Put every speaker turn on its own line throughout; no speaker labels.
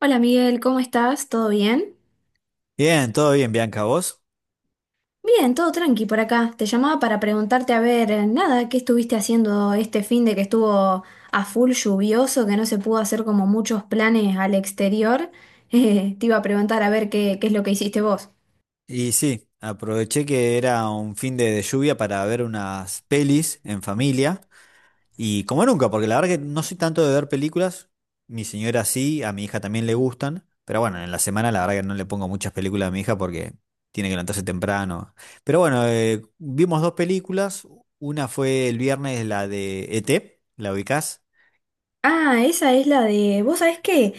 Hola Miguel, ¿cómo estás? ¿Todo bien?
Bien, todo bien, Bianca, ¿vos?
Bien, todo tranqui por acá. Te llamaba para preguntarte, a ver, nada, ¿qué estuviste haciendo este fin de que estuvo a full lluvioso, que no se pudo hacer como muchos planes al exterior? Te iba a preguntar a ver qué es lo que hiciste vos.
Y sí, aproveché que era un fin de lluvia para ver unas pelis en familia. Y como nunca, porque la verdad que no soy tanto de ver películas. Mi señora sí, a mi hija también le gustan. Pero bueno, en la semana la verdad que no le pongo muchas películas a mi hija porque tiene que levantarse temprano. Pero bueno, vimos 2 películas. Una fue el viernes, la de ET, ¿la ubicás?
Ah, esa es la de, ¿vos sabés qué?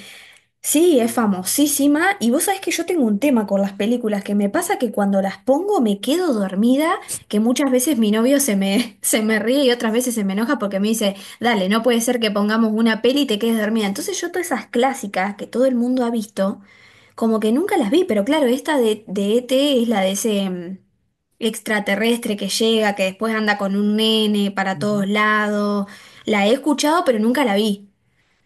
Sí, es famosísima. Y vos sabés que yo tengo un tema con las películas, que me pasa que cuando las pongo me quedo dormida, que muchas veces mi novio se me ríe y otras veces se me enoja porque me dice, dale, no puede ser que pongamos una peli y te quedes dormida. Entonces yo todas esas clásicas que todo el mundo ha visto, como que nunca las vi, pero claro, esta de ET es la de ese extraterrestre que llega, que después anda con un nene para todos lados. La he escuchado, pero nunca la vi.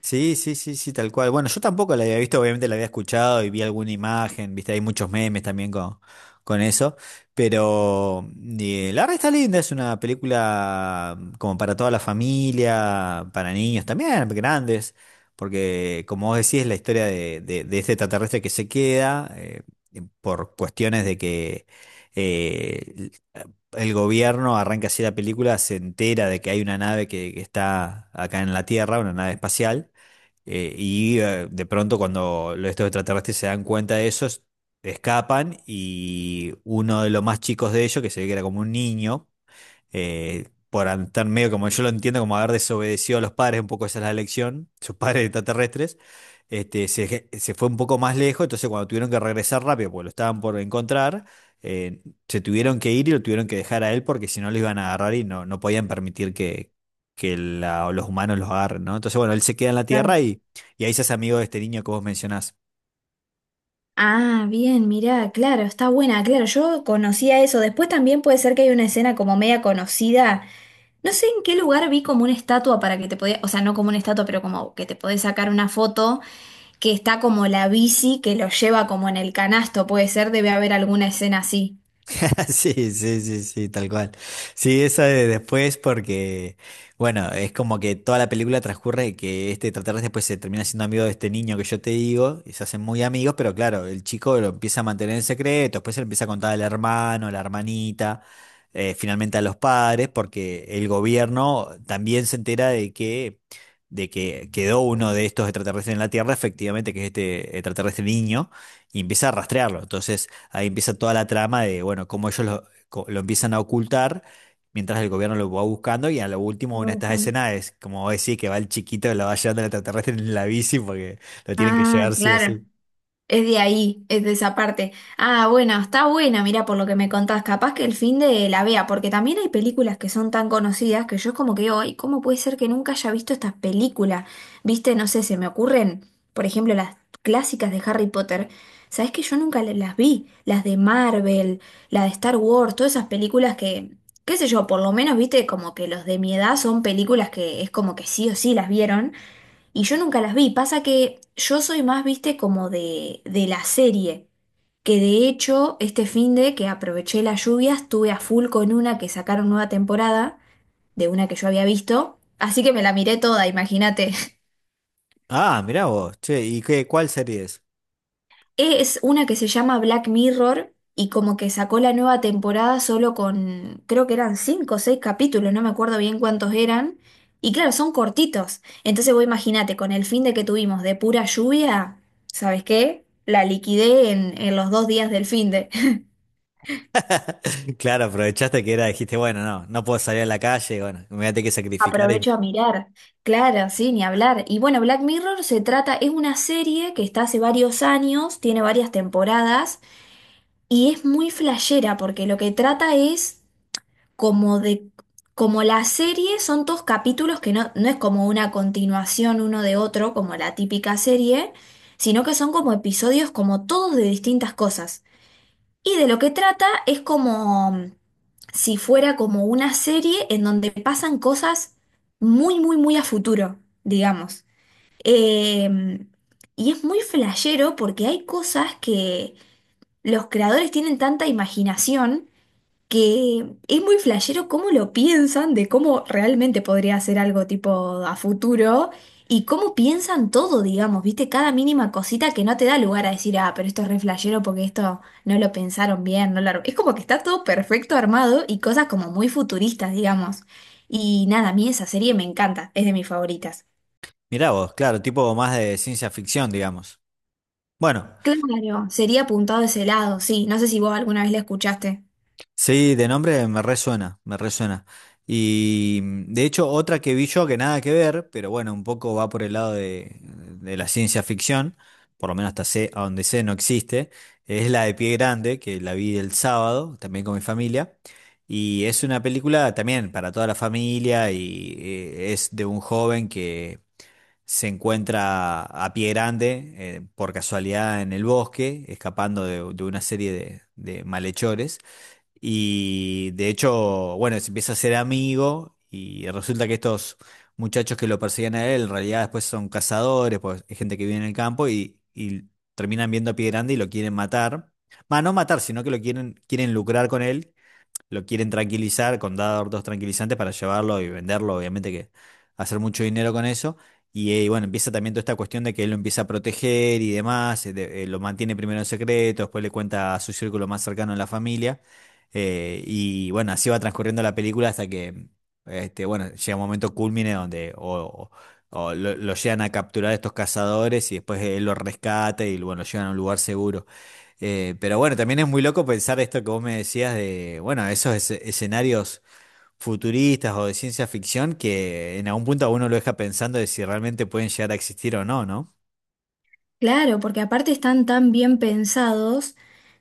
Sí, sí, sí, sí, tal cual. Bueno, yo tampoco la había visto, obviamente la había escuchado y vi alguna imagen, viste, hay muchos memes también con eso, pero la verdad está linda, es una película como para toda la familia, para niños también, grandes, porque como vos decís, es la historia de este extraterrestre que se queda por cuestiones de que eh, el gobierno arranca así la película, se entera de que hay una nave que está acá en la Tierra, una nave espacial, y de pronto cuando estos extraterrestres se dan cuenta de eso, escapan y uno de los más chicos de ellos, que se ve que era como un niño, por estar medio como yo lo entiendo, como haber desobedecido a los padres, un poco esa es la lección, sus padres extraterrestres, este, se, se fue un poco más lejos, entonces cuando tuvieron que regresar rápido, porque lo estaban por encontrar, eh, se tuvieron que ir y lo tuvieron que dejar a él porque si no lo iban a agarrar y no, no podían permitir que los humanos los agarren, ¿no? Entonces, bueno, él se queda en la Tierra y ahí se hace amigo de este niño que vos mencionás.
Ah, bien, mirá, claro, está buena, claro, yo conocía eso. Después también puede ser que hay una escena como media conocida. No sé en qué lugar vi como una estatua para que te podías, o sea, no como una estatua, pero como que te podés sacar una foto, que está como la bici que lo lleva como en el canasto, puede ser, debe haber alguna escena así.
Sí, sí, sí, sí, tal cual. Sí, esa de después porque, bueno, es como que toda la película transcurre que este extraterrestre después se termina siendo amigo de este niño que yo te digo, y se hacen muy amigos, pero claro, el chico lo empieza a mantener en secreto, después se lo empieza a contar al hermano, a la hermanita, finalmente a los padres, porque el gobierno también se entera de que quedó uno de estos extraterrestres en la Tierra, efectivamente, que es este extraterrestre niño y empieza a rastrearlo. Entonces ahí empieza toda la trama de, bueno, cómo ellos lo, lo empiezan a ocultar mientras el gobierno lo va buscando y a lo último una
Lo
de estas
buscan.
escenas es como vos decís que va el chiquito, que lo va llevando el extraterrestre en la bici porque lo tienen que
Ah,
llevar sí o
claro.
sí.
Es de ahí, es de esa parte. Ah, bueno, está buena, mira, por lo que me contás, capaz que el fin de la vea, porque también hay películas que son tan conocidas que yo es como que hoy, ¿cómo puede ser que nunca haya visto estas películas? Viste, no sé, se me ocurren, por ejemplo, las clásicas de Harry Potter. Sabés que yo nunca las vi, las de Marvel, la de Star Wars, todas esas películas que, qué sé yo, por lo menos, viste, como que los de mi edad son películas que es como que sí o sí las vieron. Y yo nunca las vi. Pasa que yo soy más, viste, como de, la serie. Que de hecho, este fin de que aproveché las lluvias, estuve a full con una que sacaron nueva temporada, de una que yo había visto. Así que me la miré toda, imagínate.
Ah, mirá vos, che, ¿y qué, cuál serie es?
Es una que se llama Black Mirror y como que sacó la nueva temporada solo con, creo que eran cinco o seis capítulos, no me acuerdo bien cuántos eran. Y claro, son cortitos. Entonces vos imagínate, con el fin de que tuvimos de pura lluvia, ¿sabes qué? La liquidé en los dos días del fin de.
Claro, aprovechaste que era, dijiste, bueno, no, no puedo salir a la calle, bueno, me voy a tener que sacrificar y
Aprovecho a mirar. Claro, sí, ni hablar. Y bueno, Black Mirror se trata, es una serie que está hace varios años, tiene varias temporadas. Y es muy flashera porque lo que trata es como de, como la serie son todos capítulos que no es como una continuación uno de otro, como la típica serie, sino que son como episodios como todos de distintas cosas. Y de lo que trata es como si fuera como una serie en donde pasan cosas muy, muy, muy a futuro, digamos. Eh, y es muy flashero porque hay cosas que los creadores tienen tanta imaginación que es muy flashero cómo lo piensan, de cómo realmente podría ser algo tipo a futuro y cómo piensan todo, digamos, viste, cada mínima cosita que no te da lugar a decir, ah, pero esto es re flashero porque esto no lo pensaron bien, no lo... ar-". Es como que está todo perfecto armado y cosas como muy futuristas, digamos. Y nada, a mí esa serie me encanta, es de mis favoritas.
mirá vos, claro, tipo más de ciencia ficción, digamos. Bueno.
Claro, sería apuntado a ese lado, sí, no sé si vos alguna vez la escuchaste.
Sí, de nombre me resuena, me resuena. Y de hecho, otra que vi yo que nada que ver, pero bueno, un poco va por el lado de la ciencia ficción, por lo menos hasta sé, a donde sé no existe, es la de Pie Grande, que la vi el sábado, también con mi familia. Y es una película también para toda la familia y es de un joven que se encuentra a Pie Grande por casualidad en el bosque, escapando de una serie de malhechores. Y de hecho, bueno, se empieza a ser amigo y resulta que estos muchachos que lo perseguían a él, en realidad después son cazadores, pues hay gente que vive en el campo y terminan viendo a Pie Grande y lo quieren matar. Va, no matar, sino que lo quieren, quieren lucrar con él lo quieren tranquilizar con dar 2 tranquilizantes para llevarlo y venderlo, obviamente que hacer mucho dinero con eso. Y bueno, empieza también toda esta cuestión de que él lo empieza a proteger y demás, lo mantiene primero en secreto, después le cuenta a su círculo más cercano en la familia. Y bueno, así va transcurriendo la película hasta que, este, bueno, llega un momento culmine donde o lo llegan a capturar estos cazadores y después él lo rescata y bueno, lo llevan a un lugar seguro. Pero bueno, también es muy loco pensar esto que vos me decías de, bueno, esos escenarios futuristas o de ciencia ficción que en algún punto a uno lo deja pensando de si realmente pueden llegar a existir o no, ¿no?
Claro, porque aparte están tan bien pensados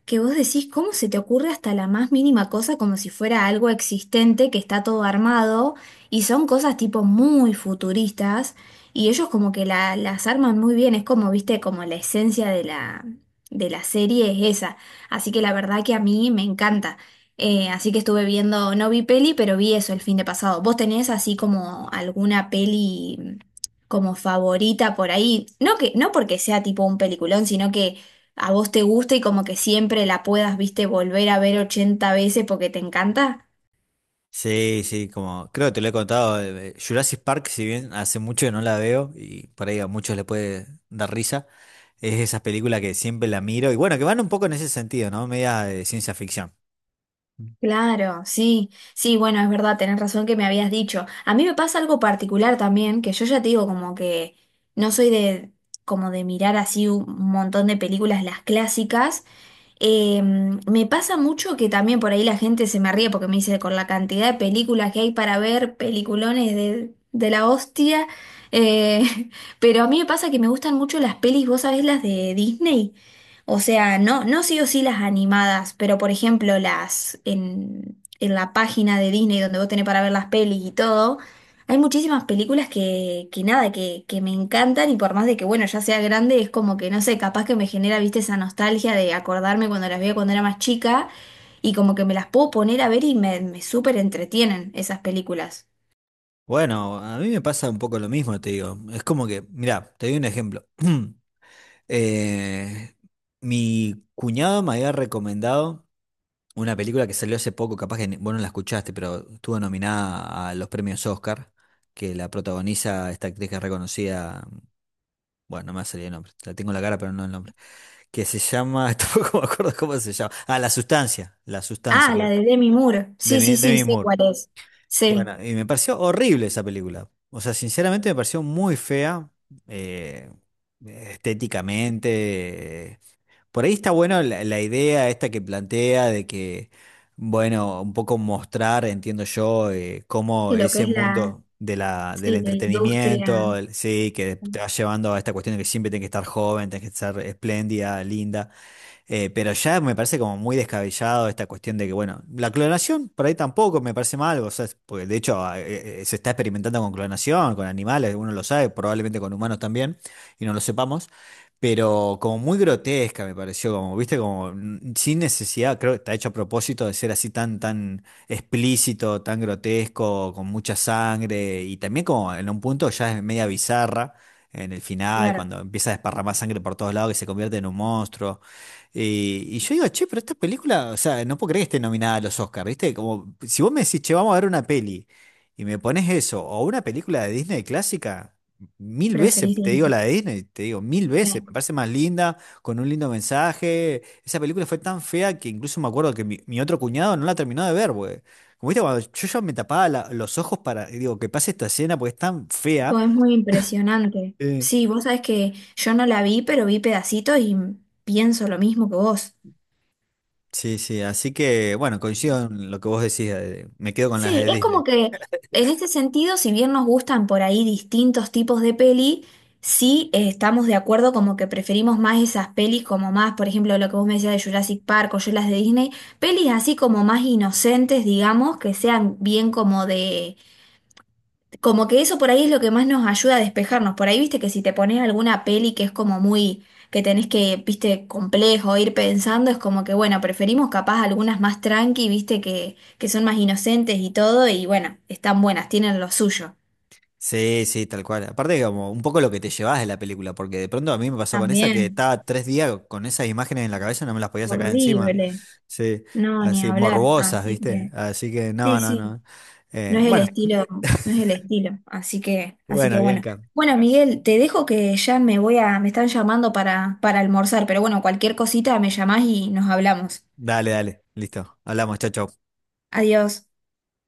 que vos decís, ¿cómo se te ocurre hasta la más mínima cosa como si fuera algo existente que está todo armado? Y son cosas tipo muy futuristas y ellos como que las arman muy bien, es como, viste, como la esencia de la, serie es esa. Así que la verdad que a mí me encanta. Así que estuve viendo, no vi peli, pero vi eso el fin de pasado. ¿Vos tenés así como alguna peli como favorita por ahí? No que, no porque sea tipo un peliculón, sino que a vos te gusta y como que siempre la puedas, viste, volver a ver 80 veces porque te encanta.
Sí, sí, como creo que te lo he contado, Jurassic Park, si bien hace mucho que no la veo y por ahí a muchos le puede dar risa, es esa película que siempre la miro y bueno, que van un poco en ese sentido, ¿no? Media de ciencia ficción.
Claro, sí, sí, bueno, es verdad, tenés razón que me habías dicho. A mí me pasa algo particular también, que yo ya te digo como que no soy de como de mirar así un montón de películas, las clásicas. Me pasa mucho que también por ahí la gente se me ríe porque me dice, con la cantidad de películas que hay para ver, peliculones de, la hostia, eh, pero a mí me pasa que me gustan mucho las pelis, vos sabés, las de Disney. O sea, no, no sí o sí las animadas, pero por ejemplo las en la página de Disney donde vos tenés para ver las pelis y todo. Hay muchísimas películas que nada, que me encantan y por más de que, bueno, ya sea grande, es como que, no sé, capaz que me genera, viste, esa nostalgia de acordarme cuando las veía cuando era más chica y como que me las puedo poner a ver y me súper entretienen esas películas.
Bueno, a mí me pasa un poco lo mismo, te digo. Es como que, mira, te doy un ejemplo. Eh, Mi cuñado me había recomendado una película que salió hace poco, capaz que vos no la escuchaste, pero estuvo nominada a los premios Oscar, que la protagoniza esta actriz que es reconocida, bueno, no me va a salir el nombre, la tengo en la cara, pero no el nombre, que se llama, tampoco me acuerdo cómo se llama, ah, La Sustancia, La Sustancia,
Ah,
que,
la de Demi Moore. Sí, sí,
De
sí,
mi
sé
Moore.
cuál es. Sí,
Bueno, y me pareció horrible esa película, o sea, sinceramente me pareció muy fea, eh, estéticamente. Por ahí está bueno la idea esta que plantea de que, bueno, un poco mostrar, entiendo yo, cómo
y lo que
ese
es la,
mundo de la, del
sí, la
entretenimiento,
industria.
el- sí, que te
Sí,
va llevando a esta cuestión de que siempre tienes que estar joven, tienes que estar espléndida, linda. Pero ya me parece como muy descabellado esta cuestión de que, bueno, la clonación por ahí tampoco me parece mal, o sea, porque de hecho se está experimentando con clonación, con animales, uno lo sabe, probablemente con humanos también, y no lo sepamos, pero como muy grotesca me pareció, como, viste, como sin necesidad, creo que está hecho a propósito de ser así tan, tan explícito, tan grotesco, con mucha sangre, y también como en un punto ya es media bizarra. En el final,
claro,
cuando empieza a desparramar sangre por todos lados, que se convierte en un monstruo. Eh, y yo digo, che, pero esta película, o sea, no puedo creer que esté nominada a los Oscars, ¿viste? Como si vos me decís, che, vamos a ver una peli y me pones eso, o una película de Disney clásica, mil veces
preferís
te digo
Disney.
la de Disney, te digo mil veces, me
Sí.
parece más linda, con un lindo mensaje. Esa película fue tan fea que incluso me acuerdo que mi otro cuñado no la terminó de ver, güey. Como viste, cuando yo ya me tapaba los ojos para, digo, que pase esta escena porque es tan fea.
Tipo, es muy impresionante.
Eh,
Sí, vos sabés que yo no la vi, pero vi pedacitos y pienso lo mismo que vos.
Sí, sí, así que bueno, coincido en lo que vos decís, me quedo con las
Sí,
de
es como
Disney.
que en este sentido, si bien nos gustan por ahí distintos tipos de peli, sí, estamos de acuerdo como que preferimos más esas pelis como más, por ejemplo, lo que vos me decías de Jurassic Park o yo las de Disney, pelis así como más inocentes, digamos, que sean bien como de, como que eso por ahí es lo que más nos ayuda a despejarnos. Por ahí, viste, que si te pones alguna peli que es como muy, que tenés que, viste, complejo, ir pensando, es como que, bueno, preferimos capaz algunas más tranqui, viste, que son más inocentes y todo, y bueno, están buenas, tienen lo suyo.
Sí, sí, tal cual. Aparte, como un poco lo que te llevas de la película, porque de pronto a mí me pasó con esa que
También,
estaba 3 días con esas imágenes en la cabeza no me las podía sacar encima.
horrible.
Sí,
No, ni
así
hablar.
morbosas,
Así
¿viste?
que,
Así que no,
sí,
no,
sí.
no.
No es el
Bueno,
estilo, no es el estilo, así que
bueno,
bueno.
Bianca.
Bueno, Miguel, te dejo que ya me voy a, me están llamando para, almorzar, pero bueno, cualquier cosita me llamás y nos hablamos.
Dale, dale. Listo. Hablamos, chau, chau.
Adiós.